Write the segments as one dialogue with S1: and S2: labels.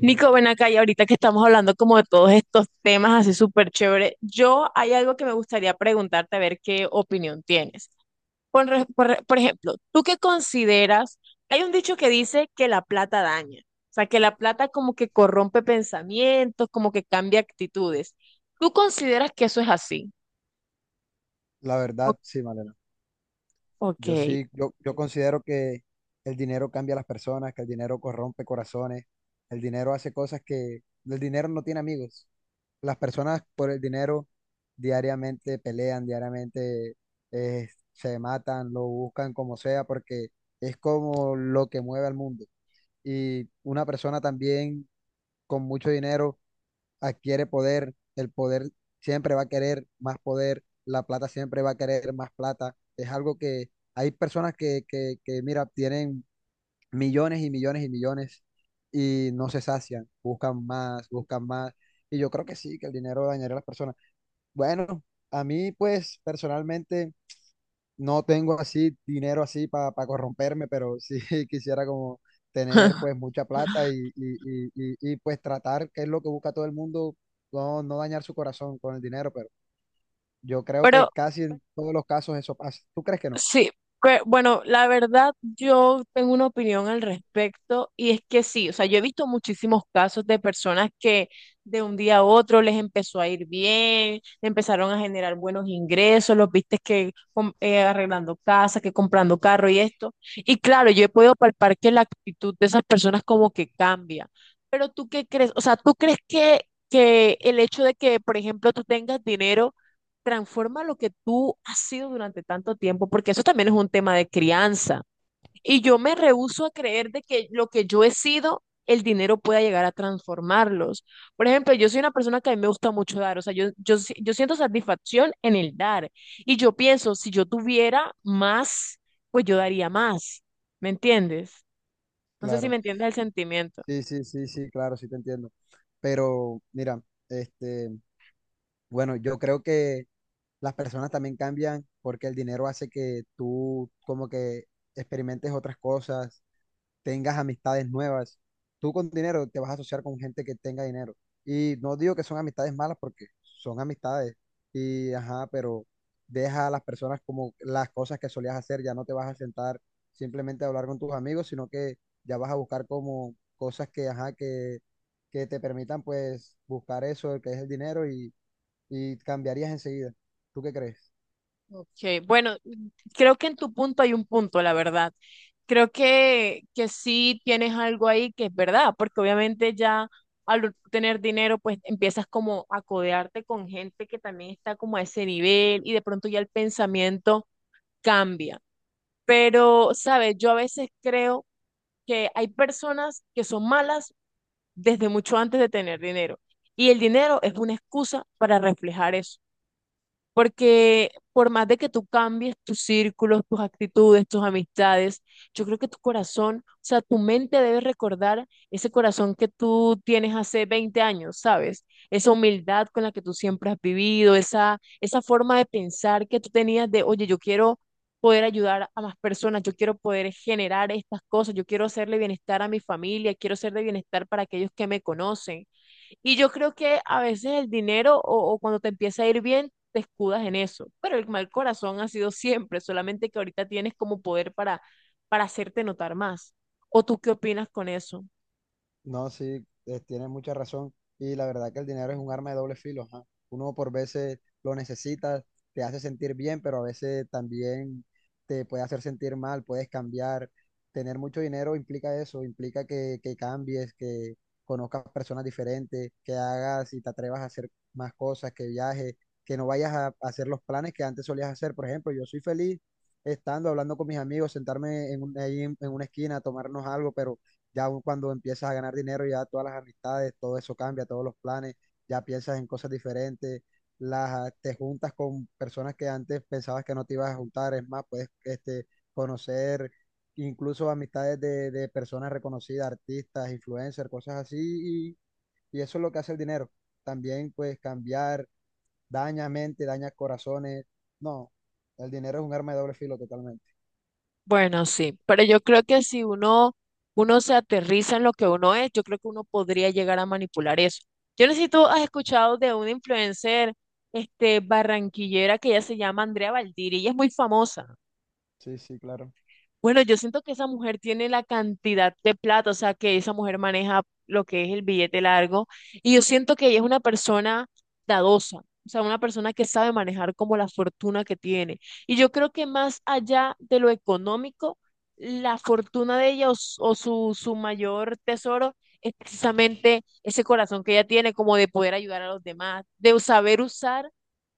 S1: Nico, ven acá y ahorita que estamos hablando como de todos estos temas así súper chévere, yo hay algo que me gustaría preguntarte a ver qué opinión tienes. Por ejemplo, ¿tú qué consideras? Hay un dicho que dice que la plata daña, o sea, que la plata como que corrompe pensamientos, como que cambia actitudes. ¿Tú consideras que eso es así?
S2: La
S1: O-
S2: verdad, sí, Malena.
S1: ok.
S2: Yo sí, yo considero que el dinero cambia a las personas, que el dinero corrompe corazones, el dinero hace cosas que el dinero no tiene amigos. Las personas por el dinero diariamente pelean, diariamente se matan, lo buscan como sea, porque es como lo que mueve al mundo. Y una persona también con mucho dinero adquiere poder, el poder siempre va a querer más poder, la plata siempre va a querer más plata. Es algo que hay personas que mira, tienen millones y millones y millones y no se sacian, buscan más, buscan más. Y yo creo que sí, que el dinero dañaría a las personas. Bueno, a mí pues personalmente no tengo así dinero así para corromperme, pero sí quisiera como tener pues mucha plata y pues tratar, que es lo que busca todo el mundo, no, no dañar su corazón con el dinero, pero yo creo
S1: Pero
S2: que casi en todos los casos eso pasa. ¿Tú crees que no?
S1: sí, pero bueno, la verdad yo tengo una opinión al respecto y es que sí, o sea, yo he visto muchísimos casos de personas que de un día a otro les empezó a ir bien, empezaron a generar buenos ingresos, los viste que arreglando casa, que comprando carro y esto. Y claro, yo he podido palpar que la actitud de esas personas como que cambia. Pero tú qué crees, o sea, ¿tú crees que el hecho de que, por ejemplo, tú tengas dinero transforma lo que tú has sido durante tanto tiempo? Porque eso también es un tema de crianza. Y yo me rehúso a creer de que lo que yo he sido, el dinero pueda llegar a transformarlos. Por ejemplo, yo soy una persona que a mí me gusta mucho dar, o sea, yo siento satisfacción en el dar. Y yo pienso, si yo tuviera más, pues yo daría más. ¿Me entiendes? No sé si me
S2: Claro.
S1: entiendes el sentimiento.
S2: Sí, sí, sí, sí, claro, sí te entiendo. Pero mira, este, bueno, yo creo que las personas también cambian porque el dinero hace que tú como que experimentes otras cosas tengas amistades nuevas. Tú con dinero te vas a asociar con gente que tenga dinero. Y no digo que son amistades malas porque son amistades. Y ajá, pero deja a las personas como las cosas que solías hacer. Ya no te vas a sentar simplemente a hablar con tus amigos, sino que ya vas a buscar como cosas que, ajá, que te permitan pues buscar eso, que es el dinero y cambiarías enseguida. ¿Tú qué crees?
S1: Ok, bueno, creo que en tu punto hay un punto, la verdad. Creo que sí tienes algo ahí que es verdad, porque obviamente ya al tener dinero, pues empiezas como a codearte con gente que también está como a ese nivel y de pronto ya el pensamiento cambia. Pero, ¿sabes? Yo a veces creo que hay personas que son malas desde mucho antes de tener dinero y el dinero es una excusa para reflejar eso. Porque por más de que tú cambies tus círculos, tus actitudes, tus amistades, yo creo que tu corazón, o sea, tu mente debe recordar ese corazón que tú tienes hace 20 años, ¿sabes? Esa humildad con la que tú siempre has vivido, esa forma de pensar que tú tenías de, oye, yo quiero poder ayudar a más personas, yo quiero poder generar estas cosas, yo quiero hacerle bienestar a mi familia, quiero hacerle bienestar para aquellos que me conocen. Y yo creo que a veces el dinero o cuando te empieza a ir bien, te escudas en eso. Pero el mal corazón ha sido siempre, solamente que ahorita tienes como poder para hacerte notar más. ¿O tú qué opinas con eso?
S2: No, sí, tienes mucha razón. Y la verdad que el dinero es un arma de doble filo. Ajá. Uno por veces lo necesita, te hace sentir bien, pero a veces también te puede hacer sentir mal, puedes cambiar. Tener mucho dinero implica eso, implica que cambies, que conozcas personas diferentes, que hagas y te atrevas a hacer más cosas, que viajes, que no vayas a hacer los planes que antes solías hacer. Por ejemplo, yo soy feliz estando hablando con mis amigos, sentarme ahí en una esquina, tomarnos algo, pero ya cuando empiezas a ganar dinero, ya todas las amistades, todo eso cambia, todos los planes, ya piensas en cosas diferentes, te juntas con personas que antes pensabas que no te ibas a juntar, es más, puedes conocer incluso amistades de personas reconocidas, artistas, influencers, cosas así, y eso es lo que hace el dinero. También pues cambiar, daña mente, daña corazones, no, el dinero es un arma de doble filo totalmente.
S1: Bueno, sí, pero yo creo que si uno, uno se aterriza en lo que uno es, yo creo que uno podría llegar a manipular eso. Yo no sé si tú has escuchado de una influencer, este, barranquillera que ella se llama Andrea Valdiri, ella es muy famosa.
S2: Sí, sí, claro.
S1: Bueno, yo siento que esa mujer tiene la cantidad de plata, o sea, que esa mujer maneja lo que es el billete largo, y yo siento que ella es una persona dadosa, o sea, una persona que sabe manejar como la fortuna que tiene. Y yo creo que más allá de lo económico, la fortuna de ella o su mayor tesoro es precisamente ese corazón que ella tiene, como de poder ayudar a los demás, de saber usar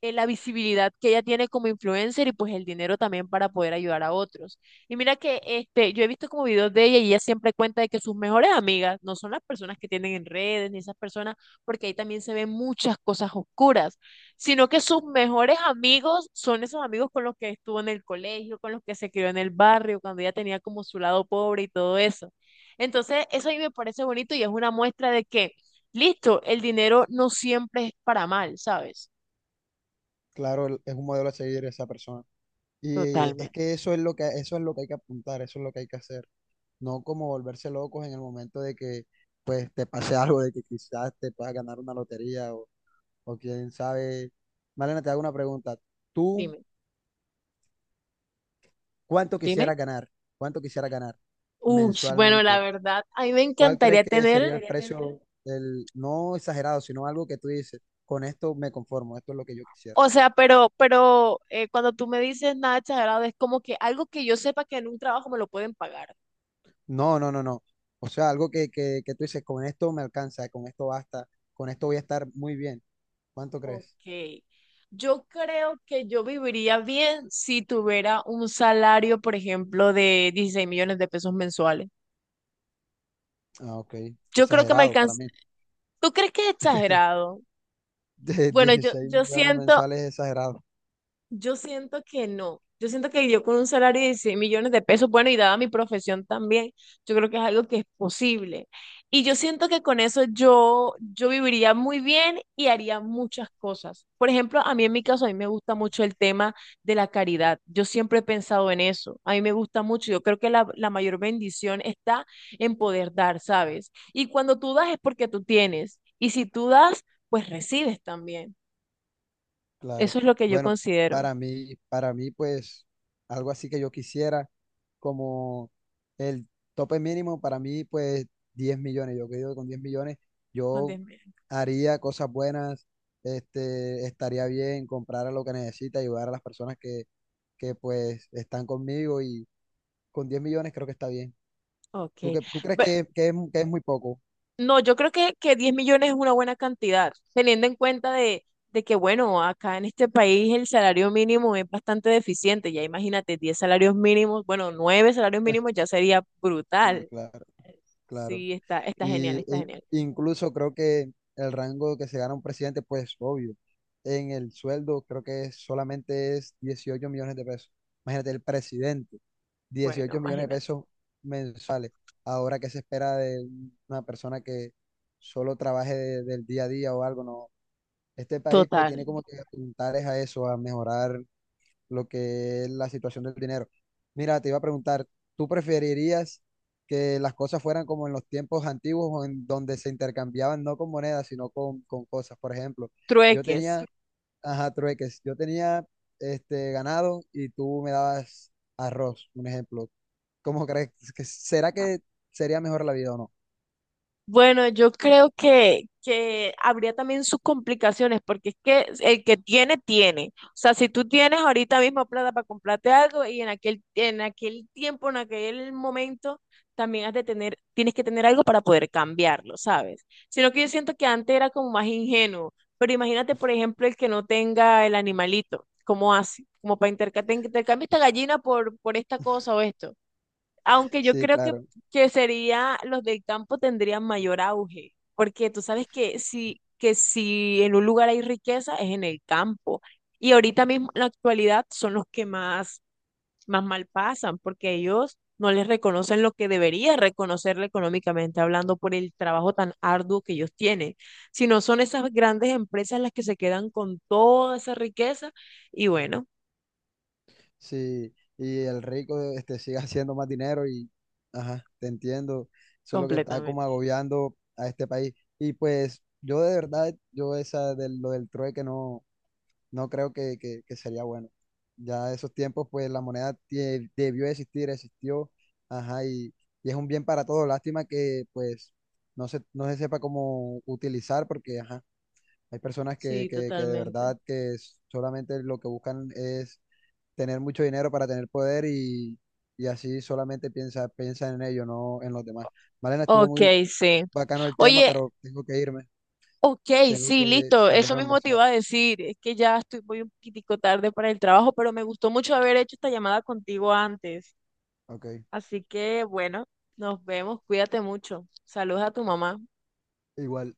S1: la visibilidad que ella tiene como influencer y pues el dinero también para poder ayudar a otros. Y mira que este, yo he visto como videos de ella y ella siempre cuenta de que sus mejores amigas no son las personas que tienen en redes ni esas personas, porque ahí también se ven muchas cosas oscuras, sino que sus mejores amigos son esos amigos con los que estuvo en el colegio, con los que se crió en el barrio, cuando ella tenía como su lado pobre y todo eso. Entonces, eso a mí me parece bonito y es una muestra de que, listo, el dinero no siempre es para mal, ¿sabes?
S2: Claro, es un modelo a seguir esa persona. Y es
S1: Totalmente.
S2: que eso es lo que, eso es lo que hay que apuntar, eso es lo que hay que hacer. No como volverse locos en el momento de que pues te pase algo, de que quizás te puedas ganar una lotería o quién sabe. Malena, te hago una pregunta. ¿Tú
S1: Dime,
S2: cuánto
S1: dime.
S2: quisieras ganar? ¿Cuánto quisieras ganar
S1: Uy, bueno, la
S2: mensualmente?
S1: verdad, a mí me
S2: ¿Cuál crees
S1: encantaría
S2: que
S1: tener.
S2: sería el, seriamente, precio del, no exagerado, sino algo que tú dices, con esto me conformo, esto es lo que yo quisiera?
S1: O sea, pero, pero cuando tú me dices nada exagerado, es como que algo que yo sepa que en un trabajo me lo pueden pagar.
S2: No, no, no, no. O sea, algo que tú dices, con esto me alcanza, con esto basta, con esto voy a estar muy bien. ¿Cuánto crees?
S1: Ok. Yo creo que yo viviría bien si tuviera un salario, por ejemplo, de 16 millones de pesos mensuales.
S2: Ah, ok.
S1: Yo creo que me
S2: Exagerado para
S1: alcanza.
S2: mí.
S1: ¿Tú crees que es exagerado?
S2: De
S1: Bueno, yo,
S2: 16
S1: yo
S2: millones
S1: siento.
S2: mensuales es exagerado,
S1: Yo siento que no. Yo siento que yo con un salario de 16 millones de pesos, bueno, y dada mi profesión también, yo creo que es algo que es posible. Y yo siento que con eso yo viviría muy bien y haría muchas cosas. Por ejemplo, a mí en mi caso, a mí me gusta mucho el tema de la caridad. Yo siempre he pensado en eso. A mí me gusta mucho. Yo creo que la mayor bendición está en poder dar, ¿sabes? Y cuando tú das es porque tú tienes. Y si tú das, pues recibes también.
S2: claro.
S1: Eso es lo que yo
S2: Bueno,
S1: considero.
S2: para mí, pues, algo así que yo quisiera, como el tope mínimo para mí, pues, 10 millones. Yo creo que con 10 millones
S1: Juan
S2: yo
S1: Dios.
S2: haría cosas buenas, este, estaría bien, comprar lo que necesita, ayudar a las personas que pues, están conmigo y con 10 millones creo que está bien. ¿Tú,
S1: Ok.
S2: qué, tú crees
S1: Ve-
S2: que, que es, muy poco?
S1: No, yo creo que 10 millones es una buena cantidad, teniendo en cuenta de que, bueno, acá en este país el salario mínimo es bastante deficiente. Ya imagínate, 10 salarios mínimos, bueno, 9 salarios mínimos ya sería
S2: Sí,
S1: brutal.
S2: claro. Claro.
S1: Sí, está, está genial,
S2: Sí,
S1: está genial.
S2: incluso creo que el rango que se gana un presidente, pues obvio, en el sueldo creo que solamente es 18 millones de pesos. Imagínate, el presidente,
S1: Bueno,
S2: 18 millones de
S1: imagínate.
S2: pesos mensuales. Ahora, ¿qué se espera de una persona que solo trabaje del día a día o algo? No. Este país pues
S1: Total.
S2: tiene como que apuntar es a eso, a mejorar lo que es la situación del dinero. Mira, te iba a preguntar, ¿tú preferirías que las cosas fueran como en los tiempos antiguos o en donde se intercambiaban no con monedas, sino con cosas? Por ejemplo, yo
S1: Trueques.
S2: tenía, ajá, trueques, yo tenía este ganado y tú me dabas arroz, un ejemplo. ¿Cómo crees que será que sería mejor la vida o no?
S1: Bueno, yo creo que habría también sus complicaciones, porque es que el que tiene, tiene. O sea, si tú tienes ahorita mismo plata para comprarte algo y en aquel tiempo, en aquel momento, también has de tener, tienes que tener algo para poder cambiarlo, ¿sabes? Sino que yo siento que antes era como más ingenuo, pero imagínate, por ejemplo, el que no tenga el animalito, ¿cómo hace? Como para intercambiar, te intercambio esta gallina por esta cosa o esto. Aunque yo
S2: Sí,
S1: creo
S2: claro.
S1: que sería, los del campo tendrían mayor auge, porque tú sabes que si en un lugar hay riqueza es en el campo. Y ahorita mismo, en la actualidad, son los que más, más mal pasan, porque ellos no les reconocen lo que debería reconocerle económicamente hablando por el trabajo tan arduo que ellos tienen, sino son esas grandes empresas las que se quedan con toda esa riqueza y bueno,
S2: Sí, y el rico este, sigue haciendo más dinero y, ajá, te entiendo, eso es lo que está como
S1: completamente.
S2: agobiando a este país. Y pues yo de verdad, yo esa de lo del trueque no, no creo que sería bueno. Ya esos tiempos, pues la moneda debió existir, existió, ajá, y es un bien para todos. Lástima que pues no se sepa cómo utilizar porque, ajá, hay personas que,
S1: Sí,
S2: que, que de
S1: totalmente.
S2: verdad que solamente lo que buscan es tener mucho dinero para tener poder y así solamente piensa, piensa en ello, no en los demás. Malena, estuvo muy
S1: Ok, sí.
S2: bacano el tema,
S1: Oye,
S2: pero tengo que irme,
S1: ok,
S2: tengo
S1: sí,
S2: que
S1: listo.
S2: salir
S1: Eso
S2: a
S1: mismo te
S2: almorzar.
S1: iba a decir. Es que ya estoy, voy un poquitico tarde para el trabajo, pero me gustó mucho haber hecho esta llamada contigo antes.
S2: Ok,
S1: Así que, bueno, nos vemos. Cuídate mucho. Saludos a tu mamá.
S2: igual.